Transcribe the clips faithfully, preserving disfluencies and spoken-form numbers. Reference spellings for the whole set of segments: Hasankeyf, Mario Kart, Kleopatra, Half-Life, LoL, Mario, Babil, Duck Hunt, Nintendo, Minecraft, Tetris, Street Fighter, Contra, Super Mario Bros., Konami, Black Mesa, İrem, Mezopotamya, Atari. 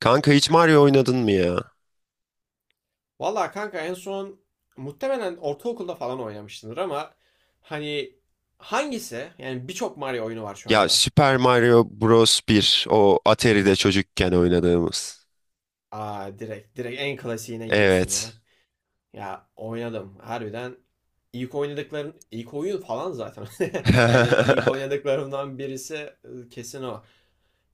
Kanka hiç Mario oynadın mı ya? Valla kanka en son muhtemelen ortaokulda falan oynamışsındır ama hani hangisi? Yani birçok Mario oyunu var şu Ya anda. Super Mario Bros. Bir o Atari'de çocukken oynadığımız. Aa direkt direkt en klasiğine gidiyorsun ya. Evet. Ya oynadım harbiden. İlk oynadıklarım ilk oyun falan zaten. Hani ilk oynadıklarımdan birisi e, kesin o.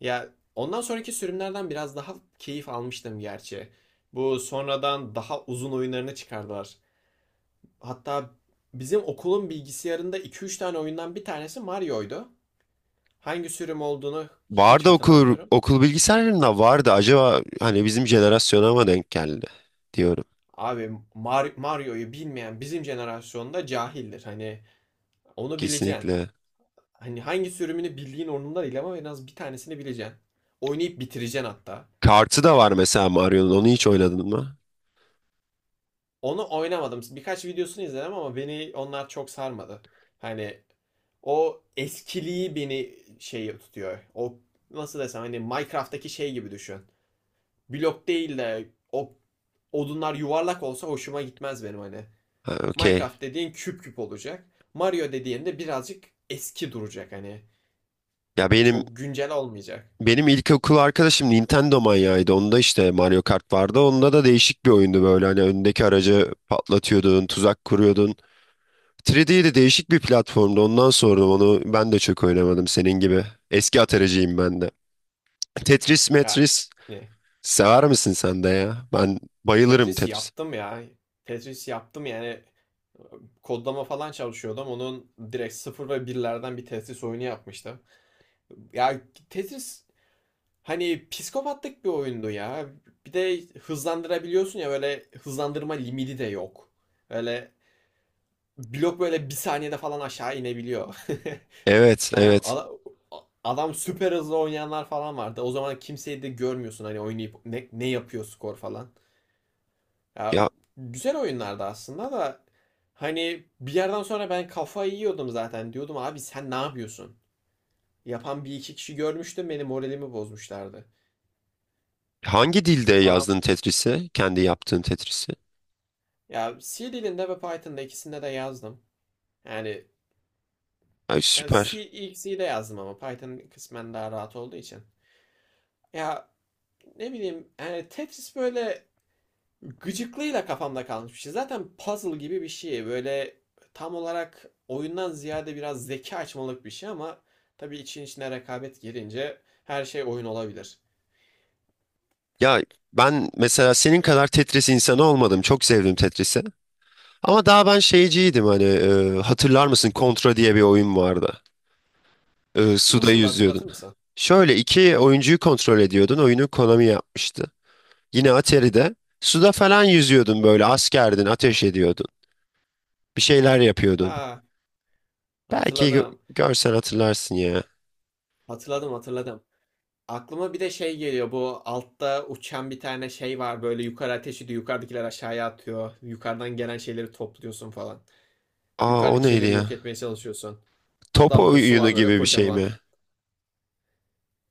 Ya ondan sonraki sürümlerden biraz daha keyif almıştım gerçi. Bu sonradan daha uzun oyunlarını çıkardılar. Hatta bizim okulun bilgisayarında iki üç tane oyundan bir tanesi Mario'ydu. Hangi sürüm olduğunu hiç Vardı okul hatırlamıyorum. okul bilgisayarında vardı. Acaba hani bizim jenerasyona mı denk geldi diyorum. Abi Mar- Mario'yu bilmeyen bizim jenerasyonda cahildir. Hani onu bileceksin. Kesinlikle. Hani hangi sürümünü bildiğin onunla değil ama en az bir tanesini bileceksin. Oynayıp bitireceksin hatta. Kartı da var mesela Mario'nun. Onu hiç oynadın mı? Onu oynamadım. Birkaç videosunu izledim ama beni onlar çok sarmadı. Hani o eskiliği beni şey tutuyor. O nasıl desem hani Minecraft'taki şey gibi düşün. Blok değil de o odunlar yuvarlak olsa hoşuma gitmez benim hani. Ha, okey. Minecraft dediğin küp küp olacak. Mario dediğin de birazcık eski duracak hani. Ya benim Çok güncel olmayacak. benim ilkokul arkadaşım Nintendo manyağıydı. Onda işte Mario Kart vardı. Onda da değişik bir oyundu böyle. Hani önündeki aracı patlatıyordun, tuzak kuruyordun. üç D de değişik bir platformdu. Ondan sonra onu ben de çok oynamadım senin gibi. Eski atareciyim ben de. Tetris, Ya Metris ne? sever misin sen de ya? Ben bayılırım Tetris Tetris. yaptım ya. Tetris yaptım yani. Kodlama falan çalışıyordum. Onun direkt sıfır ve birlerden bir Tetris oyunu yapmıştım. Ya Tetris hani psikopatlık bir oyundu ya. Bir de hızlandırabiliyorsun ya, böyle hızlandırma limiti de yok. Öyle blok böyle bir saniyede falan aşağı inebiliyor. Evet, Yani evet. ada- adam süper hızlı oynayanlar falan vardı. O zaman kimseyi de görmüyorsun hani oynayıp ne, ne yapıyor skor falan. Ya Ya güzel oyunlardı aslında da hani bir yerden sonra ben kafayı yiyordum zaten. Diyordum abi sen ne yapıyorsun? Yapan bir iki kişi görmüştüm, beni moralimi bozmuşlardı. hangi dilde Adam yazdın Tetris'i? Kendi yaptığın Tetris'i? ya C dilinde ve Python'da ikisinde de yazdım. Yani Ay ya C, süper. ilk C'de yazdım ama Python kısmen daha rahat olduğu için. Ya ne bileyim yani Tetris böyle gıcıklığıyla kafamda kalmış bir şey. Zaten puzzle gibi bir şey. Böyle tam olarak oyundan ziyade biraz zeka açmalık bir şey ama tabii için içine rekabet girince her şey oyun olabilir. Ya ben mesela senin kadar Tetris insanı olmadım. Çok sevdim Tetris'i. Ama daha ben şeyciydim hani e, hatırlar mısın? Contra diye bir oyun vardı. E, suda Nasıl, yüzüyordun. hatırlatır mısın? Şöyle iki oyuncuyu kontrol ediyordun. Oyunu Konami yapmıştı. Yine Atari'de suda falan yüzüyordun böyle askerdin, ateş ediyordun. Bir şeyler yapıyordun. Ha, Belki gö- hatırladım. görsen hatırlarsın ya. Hatırladım, hatırladım. Aklıma bir de şey geliyor. Bu altta uçan bir tane şey var. Böyle yukarı ateş ediyor. Yukarıdakiler aşağıya atıyor. Yukarıdan gelen şeyleri topluyorsun falan. Aa o Yukarıdaki neydi şeyleri ya? yok etmeye çalışıyorsun. Top Hatta boss'u oyunu var böyle gibi bir şey kocaman. mi?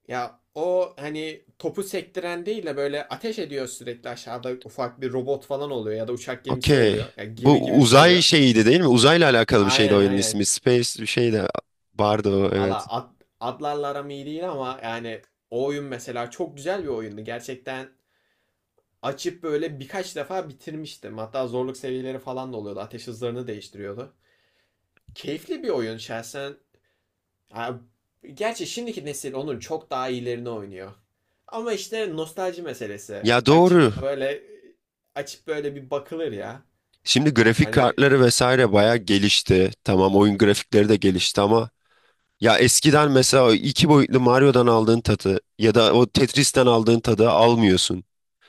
Ya o hani topu sektiren değil de böyle ateş ediyor sürekli, aşağıda ufak bir robot falan oluyor ya da uçak gemisi Okey. oluyor. Ya gemi Bu gibi bir şey uzay oluyor. şeyiydi değil mi? Uzayla alakalı bir şeydi Aynen oyunun ismi. aynen. Space bir şey de vardı o, Valla evet. ad, adlarla aram iyi değil ama yani o oyun mesela çok güzel bir oyundu. Gerçekten açıp böyle birkaç defa bitirmiştim. Hatta zorluk seviyeleri falan da oluyordu. Ateş hızlarını değiştiriyordu. Keyifli bir oyun şahsen. Gerçi şimdiki nesil onun çok daha iyilerini oynuyor. Ama işte nostalji meselesi. Ya doğru. Açıp böyle açıp böyle bir bakılır ya. Şimdi grafik Hani kartları vesaire bayağı gelişti. Tamam oyun grafikleri de gelişti ama ya eskiden mesela o iki boyutlu Mario'dan aldığın tadı ya da o Tetris'ten aldığın tadı almıyorsun.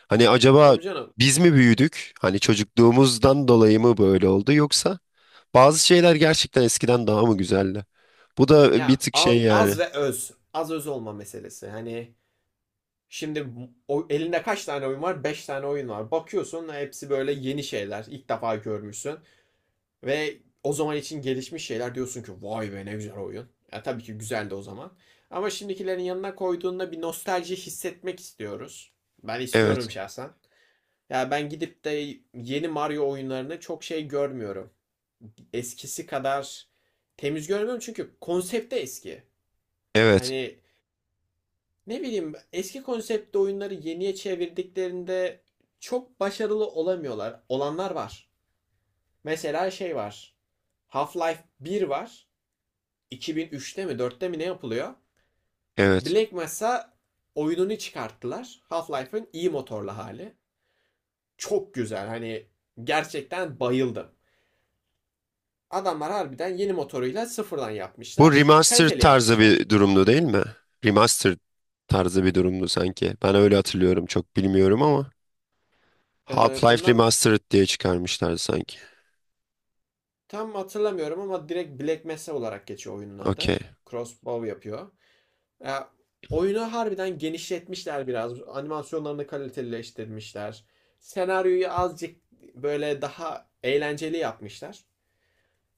Hani acaba tabii canım. biz mi büyüdük? Hani çocukluğumuzdan dolayı mı böyle oldu yoksa bazı şeyler gerçekten eskiden daha mı güzeldi? Bu da bir Ya tık şey al- yani. az ve öz. Az öz olma meselesi. Hani şimdi o, elinde kaç tane oyun var? Beş tane oyun var. Bakıyorsun hepsi böyle yeni şeyler. İlk defa görmüşsün. Ve o zaman için gelişmiş şeyler diyorsun ki vay be, ne güzel oyun. Ya tabii ki güzeldi o zaman. Ama şimdikilerin yanına koyduğunda bir nostalji hissetmek istiyoruz. Ben istiyorum Evet, şahsen. Ya ben gidip de yeni Mario oyunlarını çok şey görmüyorum. Eskisi kadar temiz görmüyorum çünkü konsepte eski. evet, Hani ne bileyim eski konseptte oyunları yeniye çevirdiklerinde çok başarılı olamıyorlar. Olanlar var. Mesela şey var. Half-Life bir var. iki bin üçte mi dörtte mi ne yapılıyor? evet. Black Mesa oyununu çıkarttılar. Half-Life'ın iyi motorlu hali. Çok güzel, hani gerçekten bayıldım. Adamlar harbiden yeni motoruyla sıfırdan Bu yapmışlar. remaster Kaliteli tarzı yapmışlar. bir durumdu değil mi? Remaster tarzı bir durumdu sanki. Ben öyle hatırlıyorum, çok bilmiyorum ama. Ee, Half-Life Bundan Remastered diye çıkarmışlar sanki. tam hatırlamıyorum ama direkt Black Mesa olarak geçiyor oyunun adı. Okey. Crossbow yapıyor. Ya, oyunu harbiden genişletmişler biraz. Animasyonlarını kalitelileştirmişler. Senaryoyu azıcık böyle daha eğlenceli yapmışlar.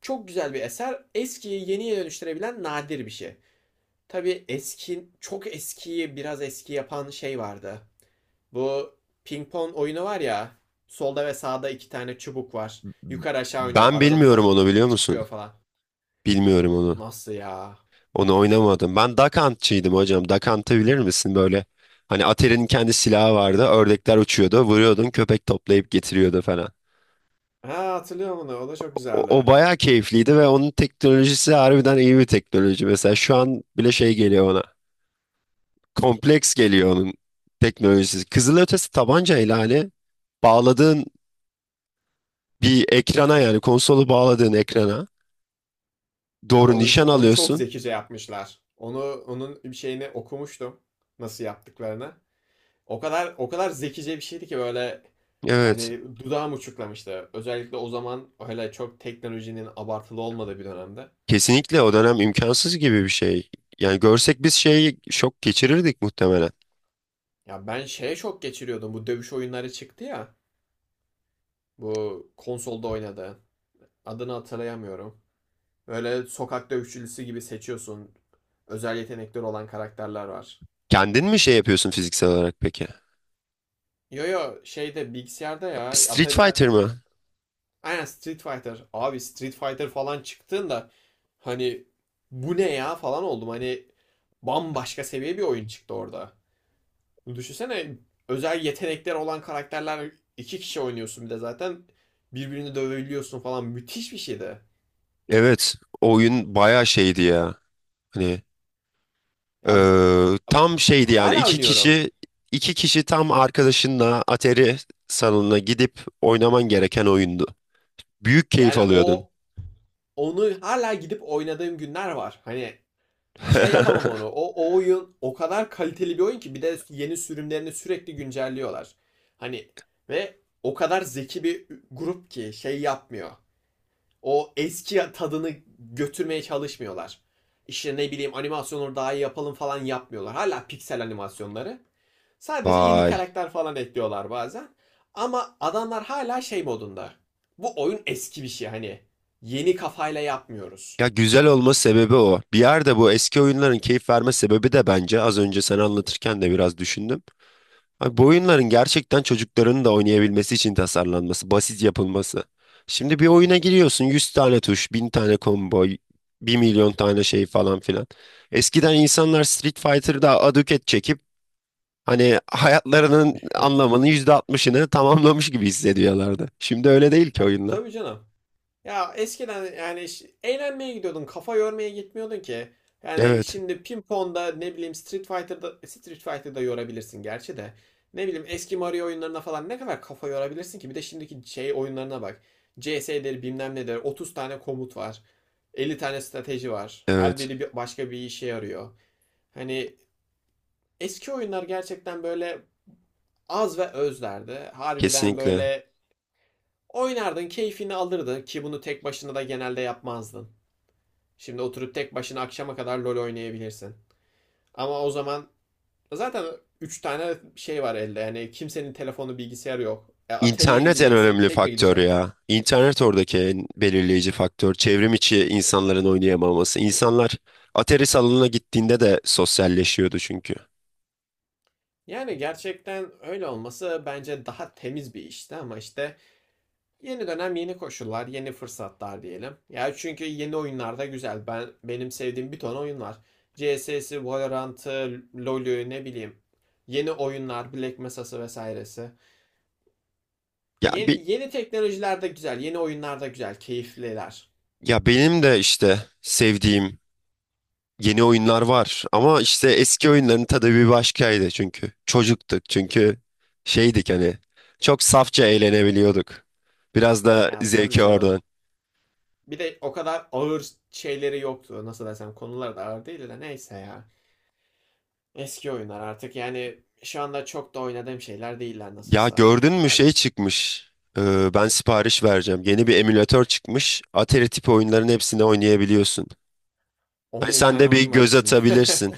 Çok güzel bir eser. Eskiyi yeniye dönüştürebilen nadir bir şey. Tabii eski, çok eskiyi biraz eski yapan şey vardı. Bu ping pong oyunu var ya. Solda ve sağda iki tane çubuk var. Yukarı aşağı oynuyor. Ben Arada bilmiyorum, top onu biliyor musun? çıkıyor falan. Bilmiyorum onu. Nasıl ya? Onu oynamadım. Ben Duck Hunt'çıydım hocam. Duck Hunt'ı bilir misin böyle? Hani Atari'nin kendi silahı vardı. Ördekler uçuyordu. Vuruyordun, köpek toplayıp getiriyordu falan. Ha, hatırlıyorum onu. O da çok O, o güzeldi. bayağı keyifliydi ve onun teknolojisi harbiden iyi bir teknoloji. Mesela şu an bile şey geliyor bana. Kompleks geliyor onun teknolojisi. Kızılötesi tabanca ihlali bağladığın bir ekrana, yani konsolu bağladığın ekrana Ama doğru onu nişan onu çok alıyorsun. zekice yapmışlar. Onu onun bir şeyini okumuştum, nasıl yaptıklarını. O kadar o kadar zekice bir şeydi ki böyle Evet. hani dudağım uçuklamıştı. Özellikle o zaman, öyle çok teknolojinin abartılı olmadığı bir dönemde. Kesinlikle o dönem imkansız gibi bir şey. Yani görsek biz şeyi şok geçirirdik muhtemelen. Ya ben şeye çok geçiriyordum. Bu dövüş oyunları çıktı ya. Bu konsolda oynadı. Adını hatırlayamıyorum. Böyle sokak dövüşçüsü gibi seçiyorsun. Özel yetenekleri olan karakterler var. Kendin mi şey yapıyorsun fiziksel olarak peki? Yo yo, şeyde, bilgisayarda, ya Street Atari, Fighter mı? aynen Street Fighter. Abi Street Fighter falan çıktığında hani bu ne ya falan oldum. Hani bambaşka seviye bir oyun çıktı orada. Düşünsene, özel yetenekler olan karakterler, iki kişi oynuyorsun bir de zaten, birbirini dövebiliyorsun falan, müthiş bir şeydi. Evet. O oyun bayağı şeydi ya. Hani Ya Ee, tam şeydi yani hala iki oynuyorum. kişi iki kişi tam arkadaşınla Atari salonuna gidip oynaman gereken oyundu. Büyük keyif Yani alıyordun. o onu hala gidip oynadığım günler var. Hani şey yapamam onu. O, o oyun o kadar kaliteli bir oyun ki bir de yeni sürümlerini sürekli güncelliyorlar. Hani ve o kadar zeki bir grup ki şey yapmıyor. O eski tadını götürmeye çalışmıyorlar. İşte ne bileyim animasyonları daha iyi yapalım falan yapmıyorlar. Hala piksel animasyonları. Sadece yeni Vay. karakter falan ekliyorlar bazen. Ama adamlar hala şey modunda. Bu oyun eski bir şey hani. Yeni kafayla yapmıyoruz. Ya güzel olma sebebi o. Bir yerde bu eski oyunların keyif verme sebebi de, bence az önce sen anlatırken de biraz düşündüm. Abi bu oyunların gerçekten çocukların da oynayabilmesi için tasarlanması, basit yapılması. Şimdi bir oyuna giriyorsun, yüz tane tuş, bin tane combo, bir milyon tane şey falan filan. Eskiden insanlar Street Fighter'da aduket çekip hani hayatlarının anlamının yüzde altmışını tamamlamış gibi hissediyorlardı. Şimdi öyle değil ki oyunlar. Tabii canım. Ya eskiden yani ş- eğlenmeye gidiyordun, kafa yormaya gitmiyordun ki. Yani Evet, şimdi ping-pong'da ne bileyim, Street Fighter'da Street Fighter'da yorabilirsin gerçi de. Ne bileyim eski Mario oyunlarına falan ne kadar kafa yorabilirsin ki? Bir de şimdiki şey oyunlarına bak. C S'leri bilmem nedir. otuz tane komut var. elli tane strateji var. Her evet, biri bir- başka bir işe yarıyor. Hani eski oyunlar gerçekten böyle az ve özlerdi. Harbiden kesinlikle. böyle oynardın, keyfini alırdın ki bunu tek başına da genelde yapmazdın. Şimdi oturup tek başına akşama kadar LoL oynayabilirsin. Ama o zaman zaten üç tane şey var elde. Yani kimsenin telefonu, bilgisayarı yok. E, Atari'ye İnternet en gideceksin, önemli tek mi faktör gideceksin? ya. İnternet oradaki en belirleyici faktör. Çevrim içi insanların oynayamaması. İnsanlar atari salonuna gittiğinde de sosyalleşiyordu çünkü. Yani gerçekten öyle olması bence daha temiz bir işti ama işte yeni dönem, yeni koşullar, yeni fırsatlar diyelim. Ya çünkü yeni oyunlar da güzel. Ben benim sevdiğim bir ton oyun var. C S'si, Valorant'ı, LoL'ü ne bileyim. Yeni oyunlar, Black Mesa'sı vesairesi. Ya Ye- bir, Yeni teknolojiler de güzel, yeni oyunlar da güzel, keyifliler. ya benim de işte sevdiğim yeni oyunlar var ama işte eski oyunların tadı bir başkaydı çünkü. Çocuktuk çünkü, şeydik hani, çok safça eğlenebiliyorduk. Biraz da Ya tabii zevki orada. canım. Bir de o kadar ağır şeyleri yoktu. Nasıl desem, konular da ağır değil de neyse ya. Eski oyunlar artık yani şu anda çok da oynadığım şeyler değiller Ya nasılsa. gördün mü şey çıkmış. Ee, ben sipariş vereceğim. Yeni bir emülatör çıkmış. Atari tipi oyunların hepsini oynayabiliyorsun. Hani on bin sen tane de bir oyun var göz içinde. atabilirsin.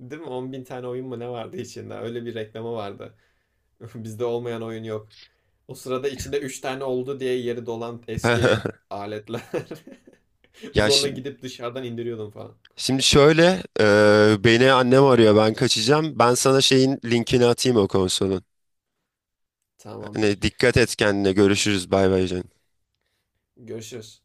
Değil mi? on bin tane oyun mu ne vardı içinde? Öyle bir reklamı vardı. Bizde olmayan oyun yok. O sırada içinde üç tane oldu diye yeri dolan eski aletler. Ya Zorla şimdi, gidip dışarıdan indiriyordum falan. şimdi şöyle e, beni annem arıyor, ben kaçacağım. Ben sana şeyin linkini atayım, o konsolun. Tamamdır. Hani dikkat et kendine, görüşürüz, bay bay canım. Görüşürüz.